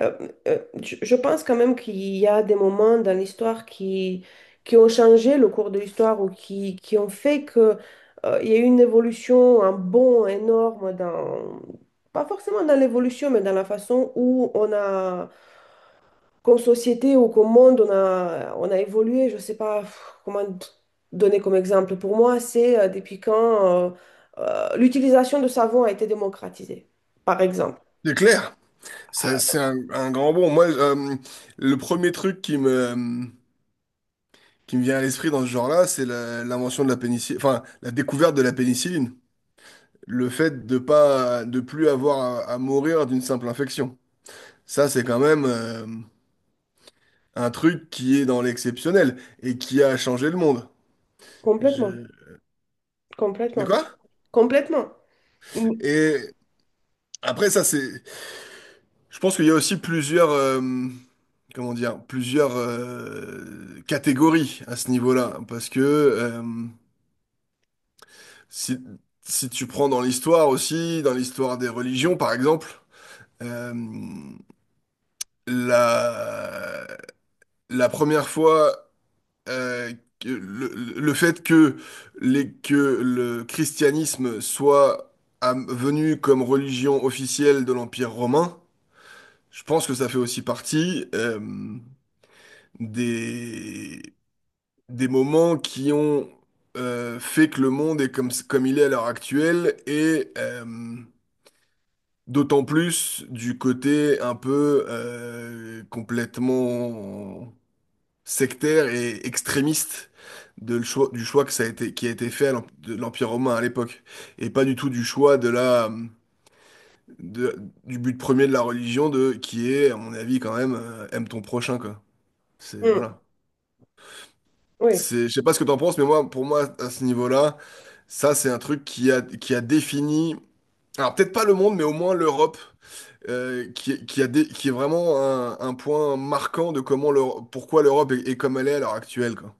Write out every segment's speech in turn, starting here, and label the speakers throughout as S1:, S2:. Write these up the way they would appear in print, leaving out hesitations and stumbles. S1: Je pense quand même qu'il y a des moments dans l'histoire qui ont changé le cours de l'histoire ou qui ont fait que, il y a eu une évolution, un bond énorme pas forcément dans l'évolution, mais dans la façon où on a, comme société ou comme monde, on a évolué. Je sais pas comment donner comme exemple. Pour moi, c'est depuis quand l'utilisation de savon a été démocratisée, par exemple.
S2: C'est clair. Ça, c'est un grand bon. Moi, le premier truc qui me vient à l'esprit dans ce genre-là, c'est l'invention de la pénicilline, enfin, la découverte de la pénicilline. Le fait de pas, de plus avoir à mourir d'une simple infection. Ça, c'est quand même un truc qui est dans l'exceptionnel et qui a changé le monde.
S1: Complètement,
S2: Je... De
S1: complètement,
S2: quoi?
S1: complètement. Mm,
S2: Et après, ça, c'est Je pense qu'il y a aussi plusieurs, comment dire, plusieurs catégories à ce niveau-là, parce que si, si tu prends dans l'histoire aussi, dans l'histoire des religions par exemple, euh, la, la première fois, euh, que le fait que, les, que le christianisme soit venu comme religion officielle de l'Empire romain, je pense que ça fait aussi partie, des, des moments qui ont fait que le monde est comme il est à l'heure actuelle et d'autant plus du côté un peu complètement sectaire et extrémiste du choix que ça a été, qui a été fait à de l'Empire romain à l'époque et pas du tout du choix de- du but premier de la religion de qui est à mon avis quand même aime ton prochain, quoi, c'est
S1: mm.
S2: voilà.
S1: Oui,
S2: Je sais pas ce que t'en penses, mais moi, pour moi, à ce niveau-là, ça, c'est un truc qui a défini, alors peut-être pas le monde, mais au moins l'Europe, qui est vraiment un point marquant de comment pourquoi l'Europe est comme elle est à l'heure actuelle, quoi.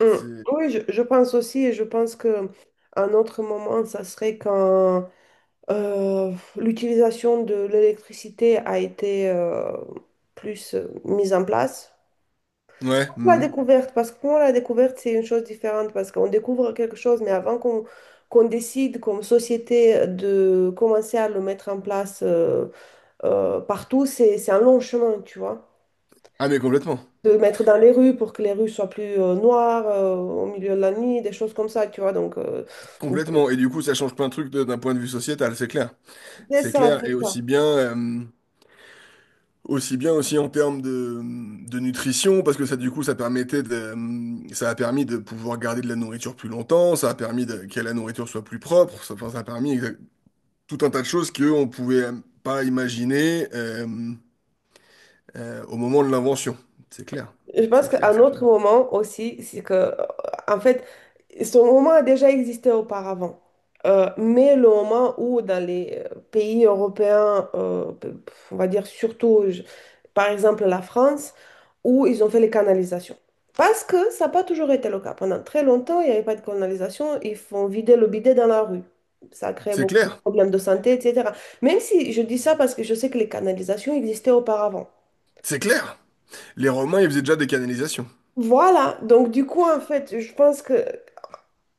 S1: mm.
S2: C'est-
S1: Oui, je pense aussi, et je pense que un autre moment, ça serait quand l'utilisation de l'électricité a été plus mise en place. C'est
S2: Ouais.
S1: comme la
S2: Mhm.
S1: découverte, parce que pour moi, la découverte, c'est une chose différente, parce qu'on découvre quelque chose, mais avant qu'on décide comme société de commencer à le mettre en place partout, c'est un long chemin, tu vois.
S2: Ah, mais complètement.
S1: De mettre dans les rues pour que les rues soient plus noires au milieu de la nuit, des choses comme ça, tu vois. Donc,
S2: Complètement. Et du coup, ça change plein de trucs d'un point de vue sociétal, c'est clair.
S1: c'est
S2: C'est
S1: ça,
S2: clair. Et
S1: c'est
S2: aussi
S1: ça.
S2: bien. Aussi bien aussi en termes de nutrition, parce que ça, du coup, ça a permis de pouvoir garder de la nourriture plus longtemps, ça a permis que la nourriture soit plus propre, ça, enfin, ça a permis tout un tas de choses qu'on pouvait pas imaginer au moment de l'invention. C'est clair,
S1: Je pense
S2: c'est clair,
S1: qu'un
S2: c'est clair.
S1: autre moment aussi, c'est que, en fait, ce moment a déjà existé auparavant. Mais le moment où dans les pays européens, on va dire surtout, par exemple la France, où ils ont fait les canalisations. Parce que ça n'a pas toujours été le cas. Pendant très longtemps, il n'y avait pas de canalisation, ils font vider le bidet dans la rue. Ça crée
S2: C'est
S1: beaucoup de
S2: clair,
S1: problèmes de santé, etc. Même si je dis ça parce que je sais que les canalisations existaient auparavant.
S2: c'est clair. Les Romains, ils faisaient déjà des canalisations.
S1: Voilà, donc du coup, en fait, je pense que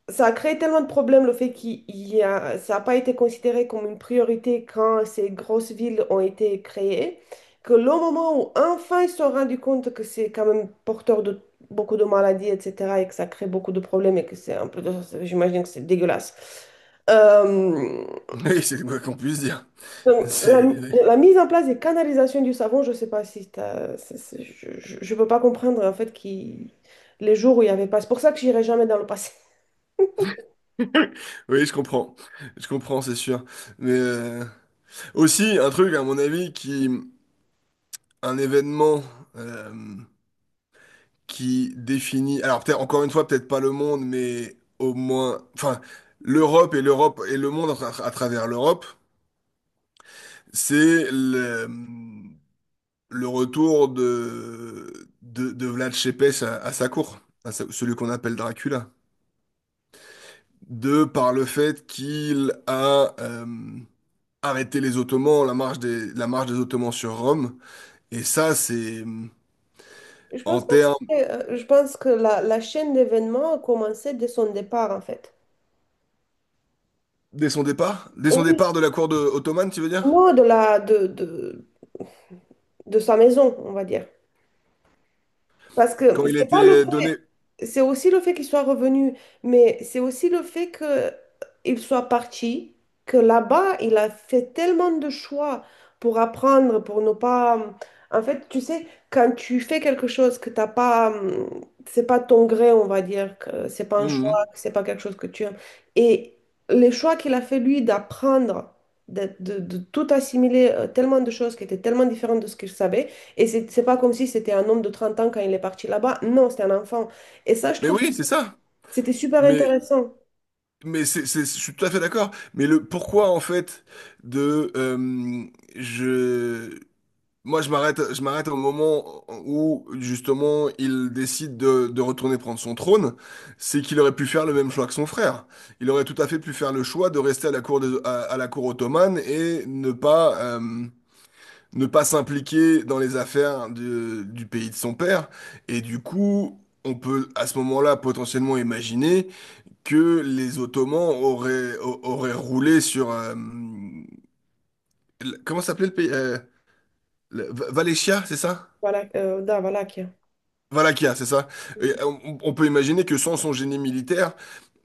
S1: ça a créé tellement de problèmes le fait qu'il il y a, ça n'a pas été considéré comme une priorité quand ces grosses villes ont été créées, que le moment où enfin ils se sont rendus compte que c'est quand même porteur de beaucoup de maladies, etc., et que ça crée beaucoup de problèmes et que c'est un peu, j'imagine que c'est dégueulasse. Euh,
S2: Oui, c'est quoi qu'on puisse dire.
S1: donc, la,
S2: C'est...
S1: la mise en place des canalisations du savon, je ne sais pas si je ne peux pas comprendre en fait qui les jours où il n'y avait pas. C'est pour ça que j'irai jamais dans le passé.
S2: Oui, je comprends. Je comprends, c'est sûr. Mais aussi, un truc, à mon avis, un événement euh, qui définit, alors peut-être encore une fois, peut-être pas le monde, mais au moins, enfin, l'Europe et le monde à travers l'Europe, c'est le retour de Vlad Tepes à sa cour, celui qu'on appelle Dracula, de par le fait qu'il a arrêté les Ottomans, la marche des Ottomans sur Rome, et ça, c'est
S1: Je
S2: en
S1: pense pas que
S2: termes
S1: c'était. Je pense que la chaîne d'événements a commencé dès son départ, en fait.
S2: Dès son départ? Dès son
S1: Oui,
S2: départ de la cour de ottomane, tu veux dire?
S1: non, de la de sa maison, on va dire. Parce que
S2: Quand il a
S1: c'est pas le
S2: été donné.
S1: c'est aussi le fait qu'il soit revenu, mais c'est aussi le fait qu'il soit parti, que là-bas, il a fait tellement de choix pour apprendre, pour ne pas... En fait, tu sais, quand tu fais quelque chose que t'as pas, c'est pas ton gré, on va dire, que c'est pas un choix,
S2: Mhm.
S1: que c'est pas quelque chose que tu aimes. Et les choix qu'il a fait, lui, d'apprendre, de tout assimiler, tellement de choses qui étaient tellement différentes de ce qu'il savait, et c'est pas comme si c'était un homme de 30 ans quand il est parti là-bas. Non, c'était un enfant. Et ça, je
S2: Mais
S1: trouve que
S2: oui, c'est ça.
S1: c'était super
S2: Mais,
S1: intéressant.
S2: mais je suis tout à fait d'accord. Mais le pourquoi, en fait, de. Je. Moi, je m'arrête au moment où, justement, il décide de retourner prendre son trône. C'est qu'il aurait pu faire le même choix que son frère. Il aurait tout à fait pu faire le choix de rester à la cour, à la cour ottomane et ne pas s'impliquer dans les affaires du pays de son père. Et du coup, on, peut à ce moment-là potentiellement imaginer que les Ottomans auraient roulé sur, comment s'appelait le pays? Valéchia, c'est ça?
S1: Voilà, da Valaquia.
S2: Valaquia, c'est ça. Et on peut imaginer que sans son génie militaire,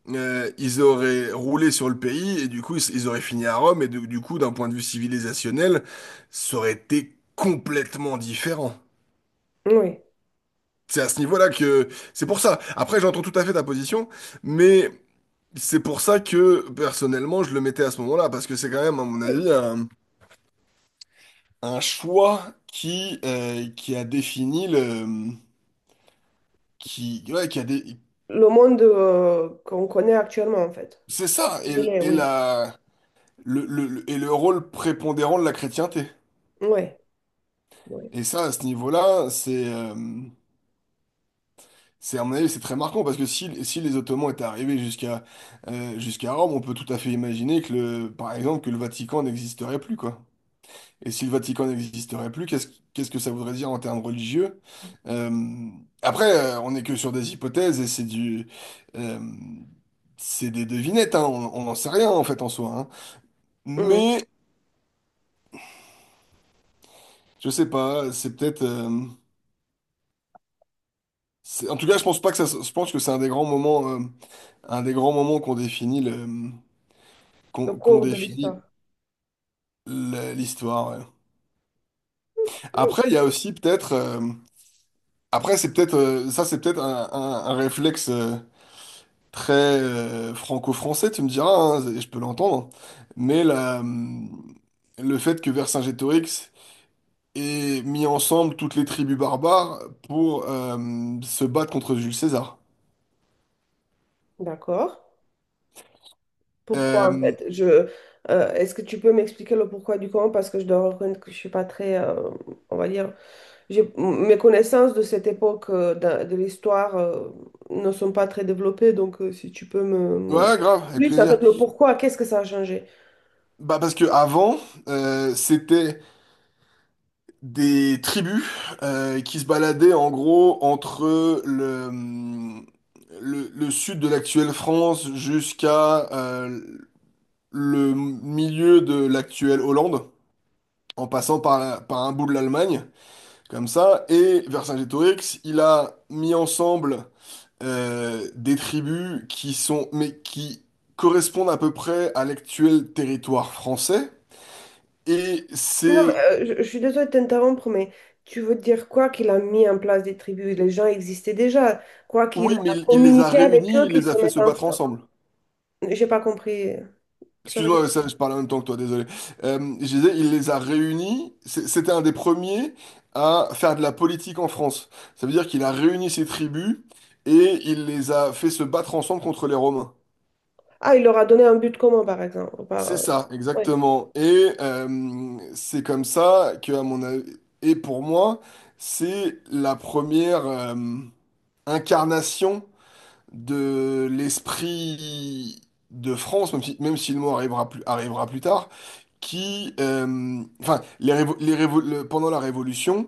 S2: ils auraient roulé sur le pays et du coup, ils auraient fini à Rome. Et du coup, d'un point de vue civilisationnel, ça aurait été complètement différent.
S1: Oui.
S2: C'est à ce niveau-là que c'est pour ça. Après, j'entends tout à fait ta position, mais c'est pour ça que personnellement, je le mettais à ce moment-là parce que c'est quand même, à mon
S1: Oui.
S2: avis, un choix qui a défini le, qui, ouais,
S1: Le monde qu'on connaît actuellement, en fait.
S2: c'est ça et,
S1: Il est,
S2: et
S1: oui.
S2: la, et le rôle prépondérant de la chrétienté.
S1: Oui. Oui.
S2: Et ça, à ce niveau-là, à mon avis, c'est très marquant parce que si les Ottomans étaient arrivés jusqu'à Rome, on peut tout à fait imaginer par exemple, que le Vatican n'existerait plus, quoi. Et si le Vatican n'existerait plus, qu'est-ce que ça voudrait dire en termes religieux? Euh, après, on n'est que sur des hypothèses et euh, c'est des devinettes, hein, on n'en sait rien en fait en soi, hein.
S1: Mhm.
S2: Mais je sais pas, en tout cas, je pense pas que ça. Se- je pense que c'est un des grands moments qu'on définit
S1: Le
S2: qu'on qu'on
S1: cours de
S2: définit
S1: l'histoire.
S2: l'histoire. Ouais. Après, il y a aussi peut-être. Après, c'est peut-être ça, c'est peut-être un réflexe très franco-français. Tu me diras, hein, je peux l'entendre. Mais le fait que Vercingétorix ait mis ensemble toutes les tribus barbares pour se battre contre Jules César.
S1: D'accord. Pourquoi, en
S2: Euh,
S1: fait? Est-ce que tu peux m'expliquer le pourquoi du comment? Parce que je dois reconnaître que je suis pas très, on va dire, mes connaissances de cette époque de l'histoire ne sont pas très développées. Donc, si tu peux
S2: ouais, grave, avec
S1: plus, en
S2: plaisir.
S1: fait, le pourquoi, qu'est-ce que ça a changé?
S2: Bah parce que avant, c'était des tribus qui se baladaient en gros entre le sud de l'actuelle France jusqu'à le milieu de l'actuelle Hollande, en passant par, par un bout de l'Allemagne, comme ça, et Vercingétorix, il a mis ensemble des tribus mais qui correspondent à peu près à l'actuel territoire français, et
S1: Non, mais
S2: c'est,
S1: je suis désolée de t'interrompre, mais tu veux dire quoi qu'il a mis en place des tribus? Les gens existaient déjà. Quoi qu'il
S2: oui, mais
S1: a
S2: il les a
S1: communiqué avec
S2: réunis,
S1: eux,
S2: il
S1: qu'ils
S2: les a
S1: se
S2: fait
S1: mettent
S2: se battre
S1: ensemble.
S2: ensemble.
S1: J'ai pas compris. Tu peux redire?
S2: Excuse-moi, ça, je parle en même temps que toi, désolé. Je disais, il les a réunis. C'était un des premiers à faire de la politique en France. Ça veut dire qu'il a réuni ses tribus et il les a fait se battre ensemble contre les Romains.
S1: Ah, il leur a donné un but commun, par exemple.
S2: C'est ça,
S1: Ouais.
S2: exactement. Et c'est comme ça que, à mon avis, et pour moi, c'est la première incarnation de l'esprit de France, même si, le mot arrivera plus tard. Enfin, pendant la Révolution,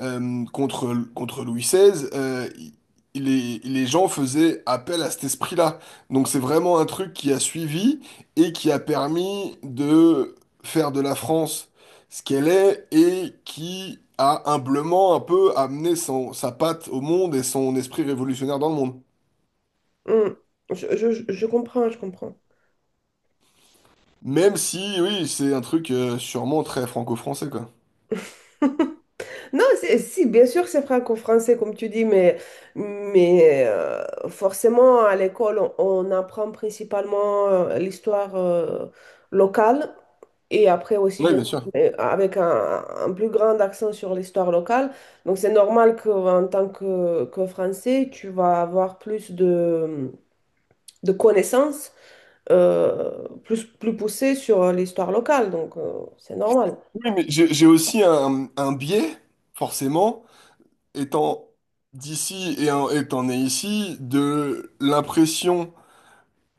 S2: contre Louis XVI, les gens faisaient appel à cet esprit-là. Donc c'est vraiment un truc qui a suivi et qui a permis de faire de la France ce qu'elle est et qui a humblement un peu amené sa patte au monde et son esprit révolutionnaire dans le monde.
S1: Hmm. Je comprends, je comprends.
S2: Même si, oui, c'est un truc sûrement très franco-français, quoi.
S1: Non, si, bien sûr, c'est franco-français, comme tu dis, mais forcément, à l'école, on apprend principalement l'histoire locale. Et après aussi,
S2: Oui,
S1: bien
S2: bien
S1: sûr,
S2: sûr.
S1: mais avec un plus grand accent sur l'histoire locale. Donc, c'est normal qu'en tant que, Français, tu vas avoir plus de connaissances plus poussées sur l'histoire locale. Donc, c'est normal.
S2: Oui, mais j'ai aussi un biais, forcément, étant d'ici et étant né ici, de l'impression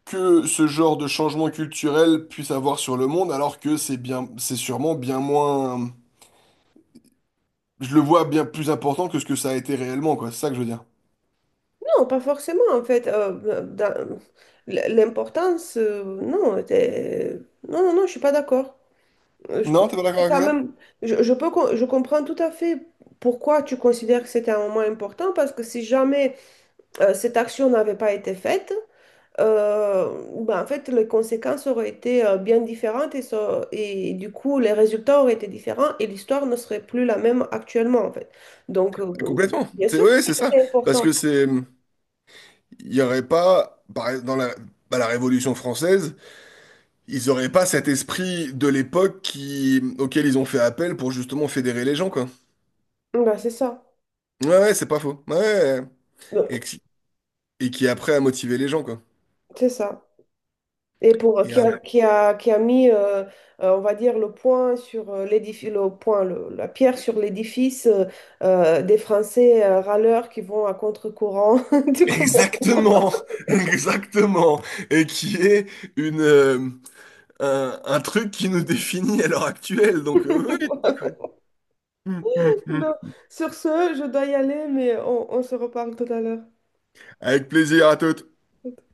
S2: que ce genre de changement culturel puisse avoir sur le monde, alors que c'est sûrement bien moins, je le vois bien plus important que ce que ça a été réellement, quoi. C'est ça que je veux dire.
S1: Non, pas forcément, en fait. L'importance, non, non, non, non, je suis pas d'accord. Je trouve
S2: Non,
S1: que
S2: t'es pas d'accord
S1: c'est
S2: avec
S1: quand
S2: ça?
S1: même... Je comprends tout à fait pourquoi tu considères que c'était un moment important, parce que si jamais... cette action n'avait pas été faite, ben, en fait, les conséquences auraient été bien différentes et, et du coup, les résultats auraient été différents et l'histoire ne serait plus la même actuellement, en fait. Donc,
S2: Bah, complètement.
S1: bien
S2: C'est
S1: sûr que
S2: ouais, c'est
S1: c'est
S2: ça.
S1: c'est
S2: Parce
S1: important.
S2: que il y aurait pas, bah, la Révolution française. Ils auraient pas cet esprit de l'époque auquel ils ont fait appel pour justement fédérer les gens, quoi.
S1: Ben, c'est ça.
S2: Ouais, ouais, c'est pas faux. Ouais, ouais. Ouais. Et,
S1: Donc,
S2: qui- et qui après a motivé les gens, quoi.
S1: c'est ça. Et pour,
S2: Et
S1: qui
S2: un-
S1: a, qui a, qui a mis, on va dire, le point sur l'édifice, la pierre sur l'édifice des Français râleurs qui vont à contre-courant. Du coup,
S2: Exactement, exactement. Et qui est une, euh, un truc qui nous définit à l'heure actuelle. Donc, oui.
S1: non. Sur ce, je dois y aller, mais on se reparle tout à l'heure.
S2: Avec plaisir à toutes.